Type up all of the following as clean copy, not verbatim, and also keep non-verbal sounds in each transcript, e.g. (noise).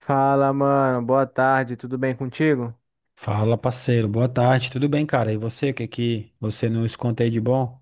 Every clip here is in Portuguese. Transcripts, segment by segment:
Fala, mano. Boa tarde. Tudo bem contigo? Fala, parceiro. Boa tarde. Tudo bem, cara? E você, o que que você nos conta aí de bom?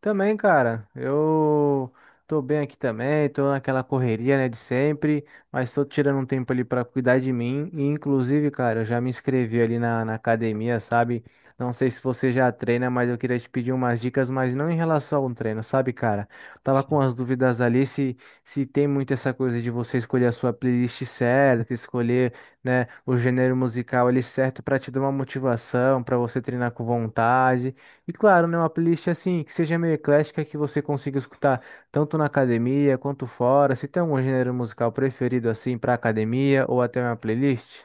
Também, cara, eu tô bem aqui também, tô naquela correria, né, de sempre, mas tô tirando um tempo ali pra cuidar de mim, e inclusive, cara, eu já me inscrevi ali na academia, sabe? Não sei se você já treina, mas eu queria te pedir umas dicas, mas não em relação ao treino, sabe, cara? Tava com Sim. as dúvidas ali se tem muito essa coisa de você escolher a sua playlist certa, escolher, né, o gênero musical ali certo pra te dar uma motivação, pra você treinar com vontade. E claro, né, uma playlist assim que seja meio eclética que você consiga escutar tanto na academia quanto fora. Se tem algum gênero musical preferido assim para academia ou até uma playlist?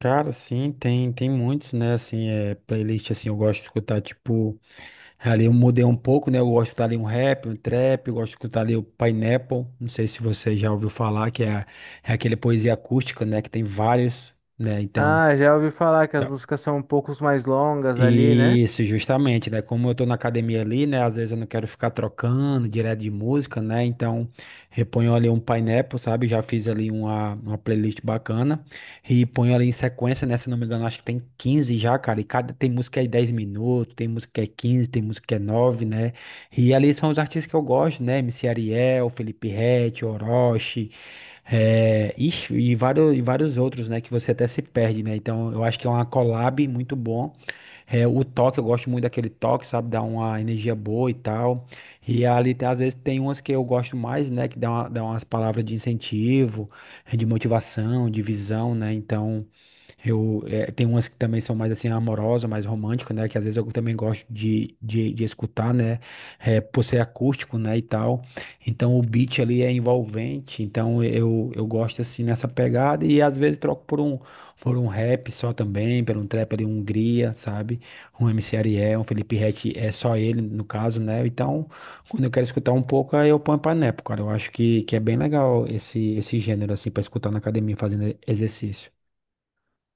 Cara, sim, tem muitos, né? Assim, é playlist assim, eu gosto de escutar tipo, ali eu mudei um pouco, né? Eu gosto de escutar ali um rap, um trap, eu gosto de escutar ali o Pineapple. Não sei se você já ouviu falar que é aquele poesia acústica, né, que tem vários, né? Então. Ah, já ouvi falar que as músicas são um pouco mais longas ali, né? Isso, justamente, né? Como eu tô na academia ali, né? Às vezes eu não quero ficar trocando direto de música, né? Então, reponho ali um Pineapple, sabe? Já fiz ali uma playlist bacana e ponho ali em sequência, né? Se não me engano, acho que tem 15 já, cara. E cada tem música aí 10 minutos, tem música que é 15, tem música que é 9, né? E ali são os artistas que eu gosto, né? MC Ariel, Felipe Ret, Orochi, é, ixi, e vários outros, né? Que você até se perde, né? Então, eu acho que é uma collab muito bom. É o toque, eu gosto muito daquele toque, sabe? Dá uma energia boa e tal. E ali, às vezes, tem umas que eu gosto mais, né? Que dá umas palavras de incentivo, de motivação, de visão, né? Então. Tem umas que também são mais assim amorosas, mais românticas, né? Que às vezes eu também gosto de escutar, né? É por ser acústico, né? E tal. Então o beat ali é envolvente. Então eu gosto assim nessa pegada. E às vezes troco por um rap só também, por um trap ali, um Hungria, sabe? Um MC Ariel, um Felipe Ret, é só ele no caso, né? Então quando eu quero escutar um pouco, aí eu ponho pra nepo, cara. Eu acho que é bem legal esse gênero assim pra escutar na academia fazendo exercício.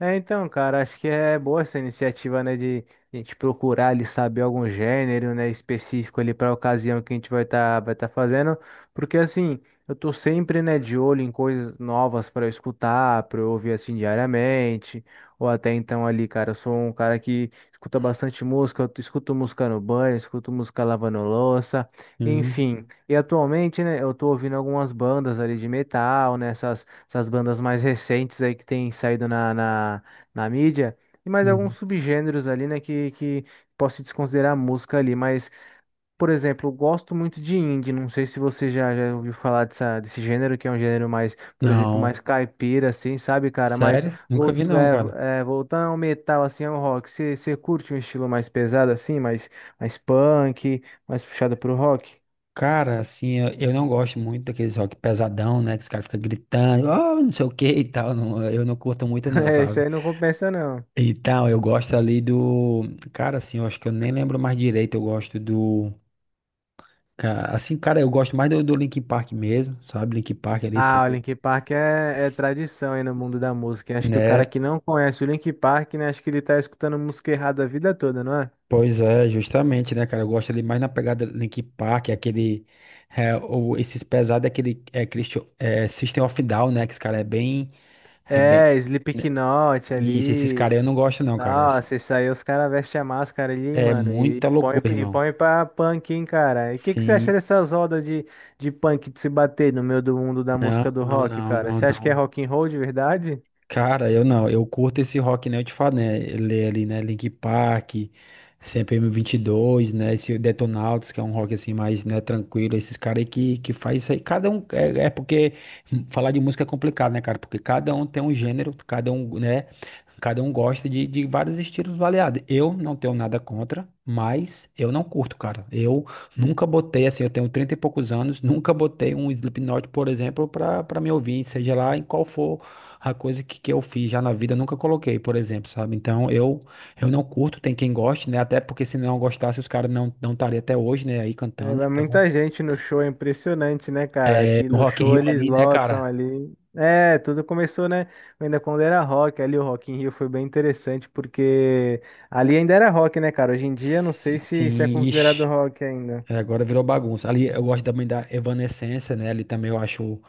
É, então, cara, acho que é boa essa iniciativa, né, de a gente procurar ali saber algum gênero, né, específico ali para a ocasião que a gente vai tá fazendo, porque assim, eu tô sempre, né, de olho em coisas novas para escutar, para eu ouvir assim diariamente, ou até então ali, cara, eu sou um cara que escuta bastante música, eu escuto música no banho, escuto música lavando louça, Hum. enfim. E atualmente, né, eu tô ouvindo algumas bandas ali de metal, né, essas bandas mais recentes aí que tem saído na mídia, e mais alguns Uhum. subgêneros ali, né, que posso desconsiderar a música ali, mas, por exemplo, eu gosto muito de indie, não sei se você já ouviu falar dessa, desse gênero, que é um gênero mais, por exemplo, Não, mais caipira, assim, sabe, cara, mas sério? Nunca vi volto, não, cara. é, voltando ao metal, assim, ao rock, você curte um estilo mais pesado, assim, mais, mais punk, mais puxado pro rock? (laughs) Cara, assim, eu não gosto muito daqueles rock pesadão, né? Que os caras ficam gritando, ah, não sei o que e tal. Eu não curto muito não, É, isso sabe? aí não compensa, não. Então, eu gosto ali do. Cara, assim, eu acho que eu nem lembro mais direito. Eu gosto do... ca- Assim, cara, eu gosto mais do Linkin Park mesmo, sabe? Linkin Park ali Ah, o sempre. Linkin Park é tradição aí no mundo da música. Acho que o cara Né? que não conhece o Linkin Park, né? Acho que ele tá escutando música errada a vida toda, não é? Pois é, justamente, né, cara? Eu gosto ali mais na pegada Linkin Park, é aquele. É, ou esses pesados, é aquele. É, Christian, é System of Down, né? Que esse cara é bem. É bem. É, Né? Slipknot Isso, esses ali. caras eu não gosto, não, cara. Nossa, isso aí os caras vestem a máscara ali, É mano, e muita põe, loucura, e irmão. põe pra punk, hein, cara. E o que que você acha Sim. dessas rodas de punk de se bater no meio do mundo da Não, música do não, rock, não, cara? não, Você acha que é não. rock and roll de verdade? Cara, eu não, eu curto esse rock, né? Eu te falo, né? Ele é ali, né? Linkin Park, CPM22, né? Esse Detonautas, que é um rock assim mais, né, tranquilo. Esses caras aí que faz isso aí. Cada um, é porque falar de música é complicado, né, cara? Porque cada um tem um gênero, cada um, né? Cada um gosta de vários estilos variados. Eu não tenho nada contra, mas eu não curto, cara. Eu nunca botei, assim, eu tenho 30 e poucos anos, nunca botei um Slipknot, por exemplo, pra me ouvir, seja lá em qual for a coisa que eu fiz já na vida, nunca coloquei, por exemplo, sabe? Então eu não curto, tem quem goste, né? Até porque se não gostasse, os caras não estariam até hoje, né, aí É, cantando. vai Então, muita gente no show, é impressionante, né, cara? Aqui no no Rock in show Rio eles ali, né, lotam cara? ali. É, tudo começou, né? Ainda quando era rock, ali o Rock in Rio foi bem interessante, porque ali ainda era rock, né, cara? Hoje em dia não sei se é Sim, considerado ixi. rock ainda. É, agora virou bagunça. Ali eu gosto também da Evanescence, né? Ali também eu acho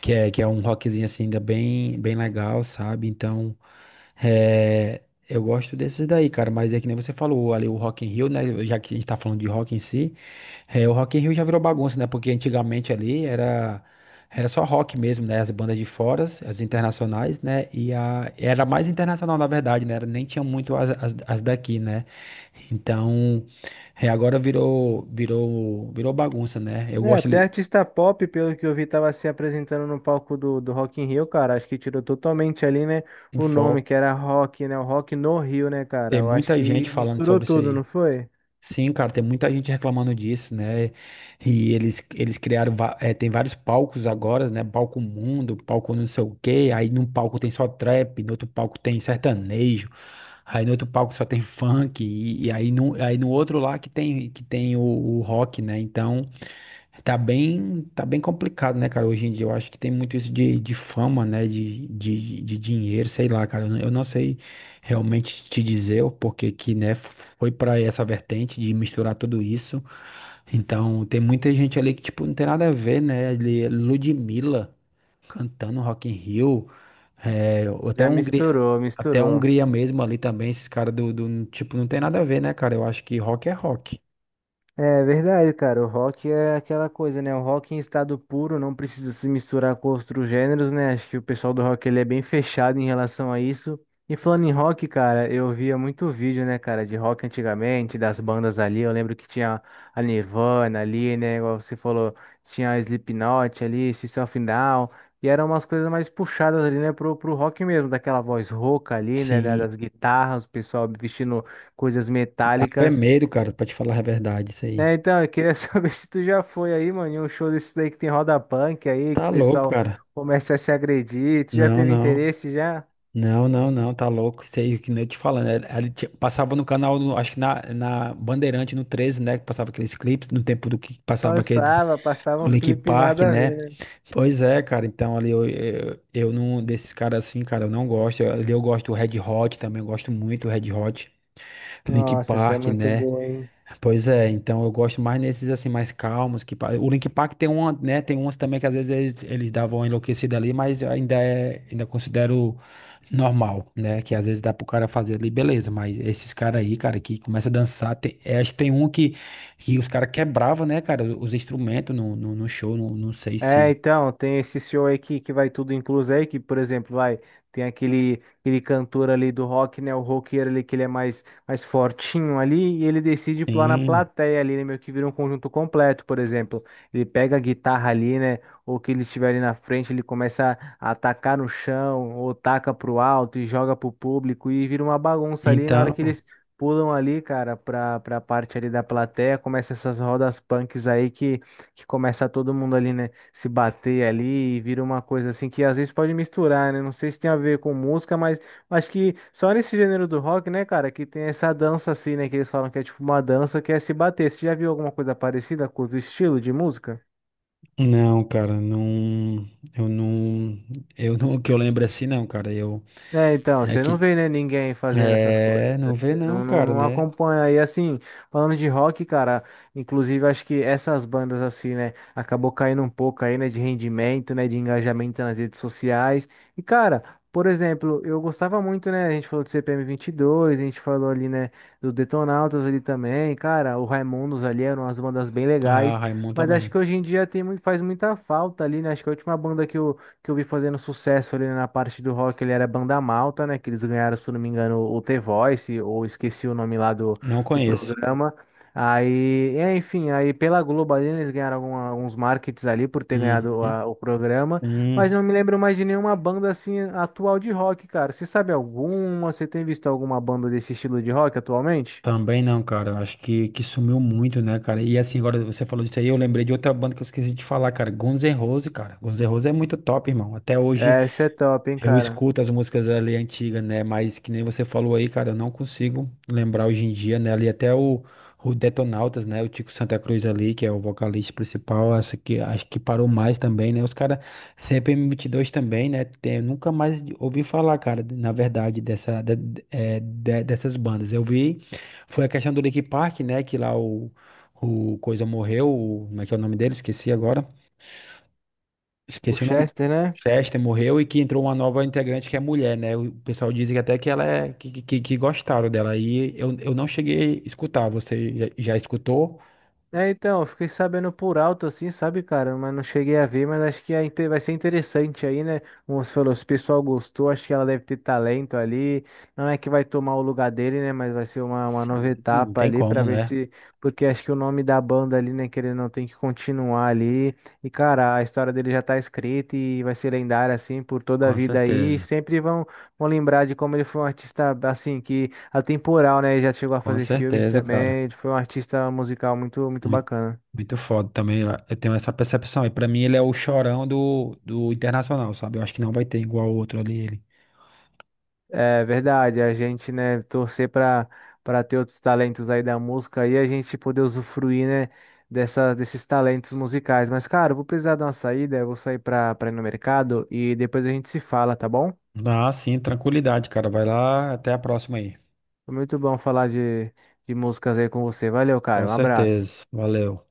que é um rockzinho assim, ainda bem, bem legal, sabe? Então, é, eu gosto desses daí, cara, mas é que nem você falou ali, o Rock in Rio, né? Já que a gente tá falando de rock em si, o Rock in Rio já virou bagunça, né? Porque antigamente ali era só rock mesmo, né? As bandas de fora, as internacionais, né? Era mais internacional, na verdade, né? Nem tinha muito as daqui, né? Então, agora virou bagunça, né? Eu É, gosto até ali, artista pop, pelo que eu vi, tava se apresentando no palco do Rock in Rio, cara. Acho que tirou totalmente ali, né, um o nome, foco, que era rock, né? O rock no Rio, né, cara? tem Eu acho muita gente que falando misturou sobre isso tudo, aí. não foi? Sim, cara, tem muita gente reclamando disso, né? E eles criaram, tem vários palcos agora, né? Palco Mundo, palco não sei o quê. Aí num palco tem só trap, no outro palco tem sertanejo, aí no outro palco só tem (laughs) funk, e aí, aí no outro lá que tem, o rock, né? Então. Tá bem complicado, né, cara? Hoje em dia eu acho que tem muito isso de fama, né? De dinheiro, sei lá, cara. Eu não sei realmente te dizer o porquê que, né, foi pra essa vertente de misturar tudo isso. Então, tem muita gente ali que, tipo, não tem nada a ver, né? Ali, Ludmilla cantando Rock in Rio, é, ou Já misturou, até misturou. Hungria mesmo ali também, esses caras do, tipo, não tem nada a ver, né, cara? Eu acho que rock é rock. É verdade, cara. O rock é aquela coisa, né? O rock em estado puro não precisa se misturar com outros gêneros, né? Acho que o pessoal do rock ele é bem fechado em relação a isso. E falando em rock, cara, eu via muito vídeo, né, cara, de rock antigamente, das bandas ali. Eu lembro que tinha a Nirvana ali, né? Igual você falou, tinha a Slipknot ali, System of a Down. E eram umas coisas mais puxadas ali, né, pro rock mesmo, daquela voz rouca ali, né, da- Sim. das guitarras, o pessoal vestindo coisas Dava é metálicas. medo, cara, pra te falar a verdade, isso aí. Né, então, eu queria (laughs) saber se tu já foi aí, mano, em um show desse daí que tem roda punk aí, que o Tá louco, pessoal cara. começa a se agredir. Tu já Não, teve não. interesse já? Não, não, não, tá louco. Isso aí que nem eu te falando. Passava no canal, acho que na Bandeirante, no 13, né? Que passava aqueles clipes, no tempo do que passava aqueles Passava, passava o uns Linkin clipes Park, nada a ver, né? né? Pois é, cara. Então ali eu não, desses caras assim, cara, eu não gosto. Ali eu gosto do Red Hot também, eu gosto muito do Red Hot, Linkin Nossa, essa é Park, muito né? boa, hein? Pois é, então eu gosto mais nesses assim mais calmos que o Linkin Park tem uma, né, tem uns também que às vezes eles davam uma enlouquecida ali, mas eu ainda considero normal, né, que às vezes dá pro cara fazer ali, beleza, mas esses caras aí, cara, que começa a dançar, acho que tem um que os caras quebrava, né, cara, os instrumentos no show, não sei se. É, então, tem esse show aí que vai tudo incluso aí, que, por exemplo, vai, tem aquele, aquele cantor ali do rock, né, o roqueiro ali, que ele é mais, mais fortinho ali, e ele decide pular na Sim, plateia ali, né, meio que vira um conjunto completo, por exemplo. Ele pega a guitarra ali, né, ou que ele estiver ali na frente, ele começa a atacar no chão, ou taca pro alto e joga pro público, e vira uma bagunça ali na hora então, que eles pulam ali, cara, pra parte ali da plateia, começa essas rodas punks aí que começa todo mundo ali, né? Se bater ali e vira uma coisa assim que às vezes pode misturar, né? Não sei se tem a ver com música, mas acho que só nesse gênero do rock, né, cara, que tem essa dança assim, né, que eles falam que é tipo uma dança que é se bater. Você já viu alguma coisa parecida com o estilo de música? não, cara, não, eu não, eu não, que eu lembro assim, não, cara, eu, É, então, é você não que. vê, né, ninguém fazendo essas coisas, É, né? não vê Você não, cara, não né? acompanha. E assim, falando de rock, cara, inclusive acho que essas bandas, assim, né, acabou caindo um pouco aí, né, de rendimento, né, de engajamento nas redes sociais. E, cara, por exemplo, eu gostava muito, né, a gente falou do CPM22 a gente falou ali, né, do Detonautas ali também. Cara, o Raimundos ali eram umas bandas bem Ah, legais. Raimundo Mas acho que também. hoje em dia tem, muito- faz muita falta ali, né? Acho que a última banda que eu vi fazendo sucesso ali na parte do rock, ele era Banda Malta, né? Que eles ganharam, se eu não me engano, o The Voice, ou esqueci o nome lá do, Não do conheço. programa. Aí, é, enfim, aí pela Globo ali, eles ganharam algum- alguns markets ali por ter ganhado Uhum. a- o programa, mas Hum, não me lembro mais de nenhuma banda assim atual de rock, cara. Você sabe alguma? Você tem visto alguma banda desse estilo de rock atualmente? Também não, cara. Eu acho que sumiu muito, né, cara? E assim, agora você falou disso aí, eu lembrei de outra banda que eu esqueci de falar, cara. Guns N' Roses, cara. Guns N' Roses é muito top, irmão. Até hoje. Essa é top, hein, Eu cara. escuto as músicas ali antigas, né? Mas que nem você falou aí, cara, eu não consigo lembrar hoje em dia, né? Ali até o Detonautas, né? O Tico Santa Cruz ali, que é o vocalista principal, essa que acho que parou mais também, né? Os caras CPM22 também, né? Tem, eu nunca mais ouvi falar, cara, na verdade, dessas bandas. Eu vi, foi a questão do Linkin Park, né? Que lá o Coisa morreu, como é que é o nome dele? Esqueci agora. O Esqueci o nome. Chester, né? Chester morreu e que entrou uma nova integrante que é mulher, né? O pessoal diz que até que ela é que gostaram dela. Aí eu não cheguei a escutar. Você já escutou? É, então, eu fiquei sabendo por alto assim, sabe, cara? Mas não cheguei a ver, mas acho que é inte- vai ser interessante aí, né? Como você falou, se o pessoal gostou, acho que ela deve ter talento ali. Não é que vai tomar o lugar dele, né? Mas vai ser uma nova Sim. Não etapa tem ali pra como, ver né? se. Porque acho que o nome da banda ali, né? Que ele não tem que continuar ali. E, cara, a história dele já tá escrita e vai ser lendária, assim, por toda a Com vida aí. E certeza. sempre vão, vão lembrar de como ele foi um artista, assim, que. Atemporal, né? Ele já chegou a Com fazer filmes certeza, cara. também. Ele foi um artista musical muito, muito Muito, bacana. muito foda também. Eu tenho essa percepção. E pra mim ele é o chorão do internacional, sabe? Eu acho que não vai ter igual outro ali. Ele. É verdade, a gente, né, torcer para ter outros talentos aí da música e a gente poder usufruir, né, dessa, desses talentos musicais. Mas, cara, eu vou precisar dar uma saída, eu vou sair para ir no mercado e depois a gente se fala, tá bom? Ah, sim, tranquilidade, cara. Vai lá, até a próxima aí. Foi muito bom falar de músicas aí com você. Valeu, Com cara, um abraço. certeza. Valeu.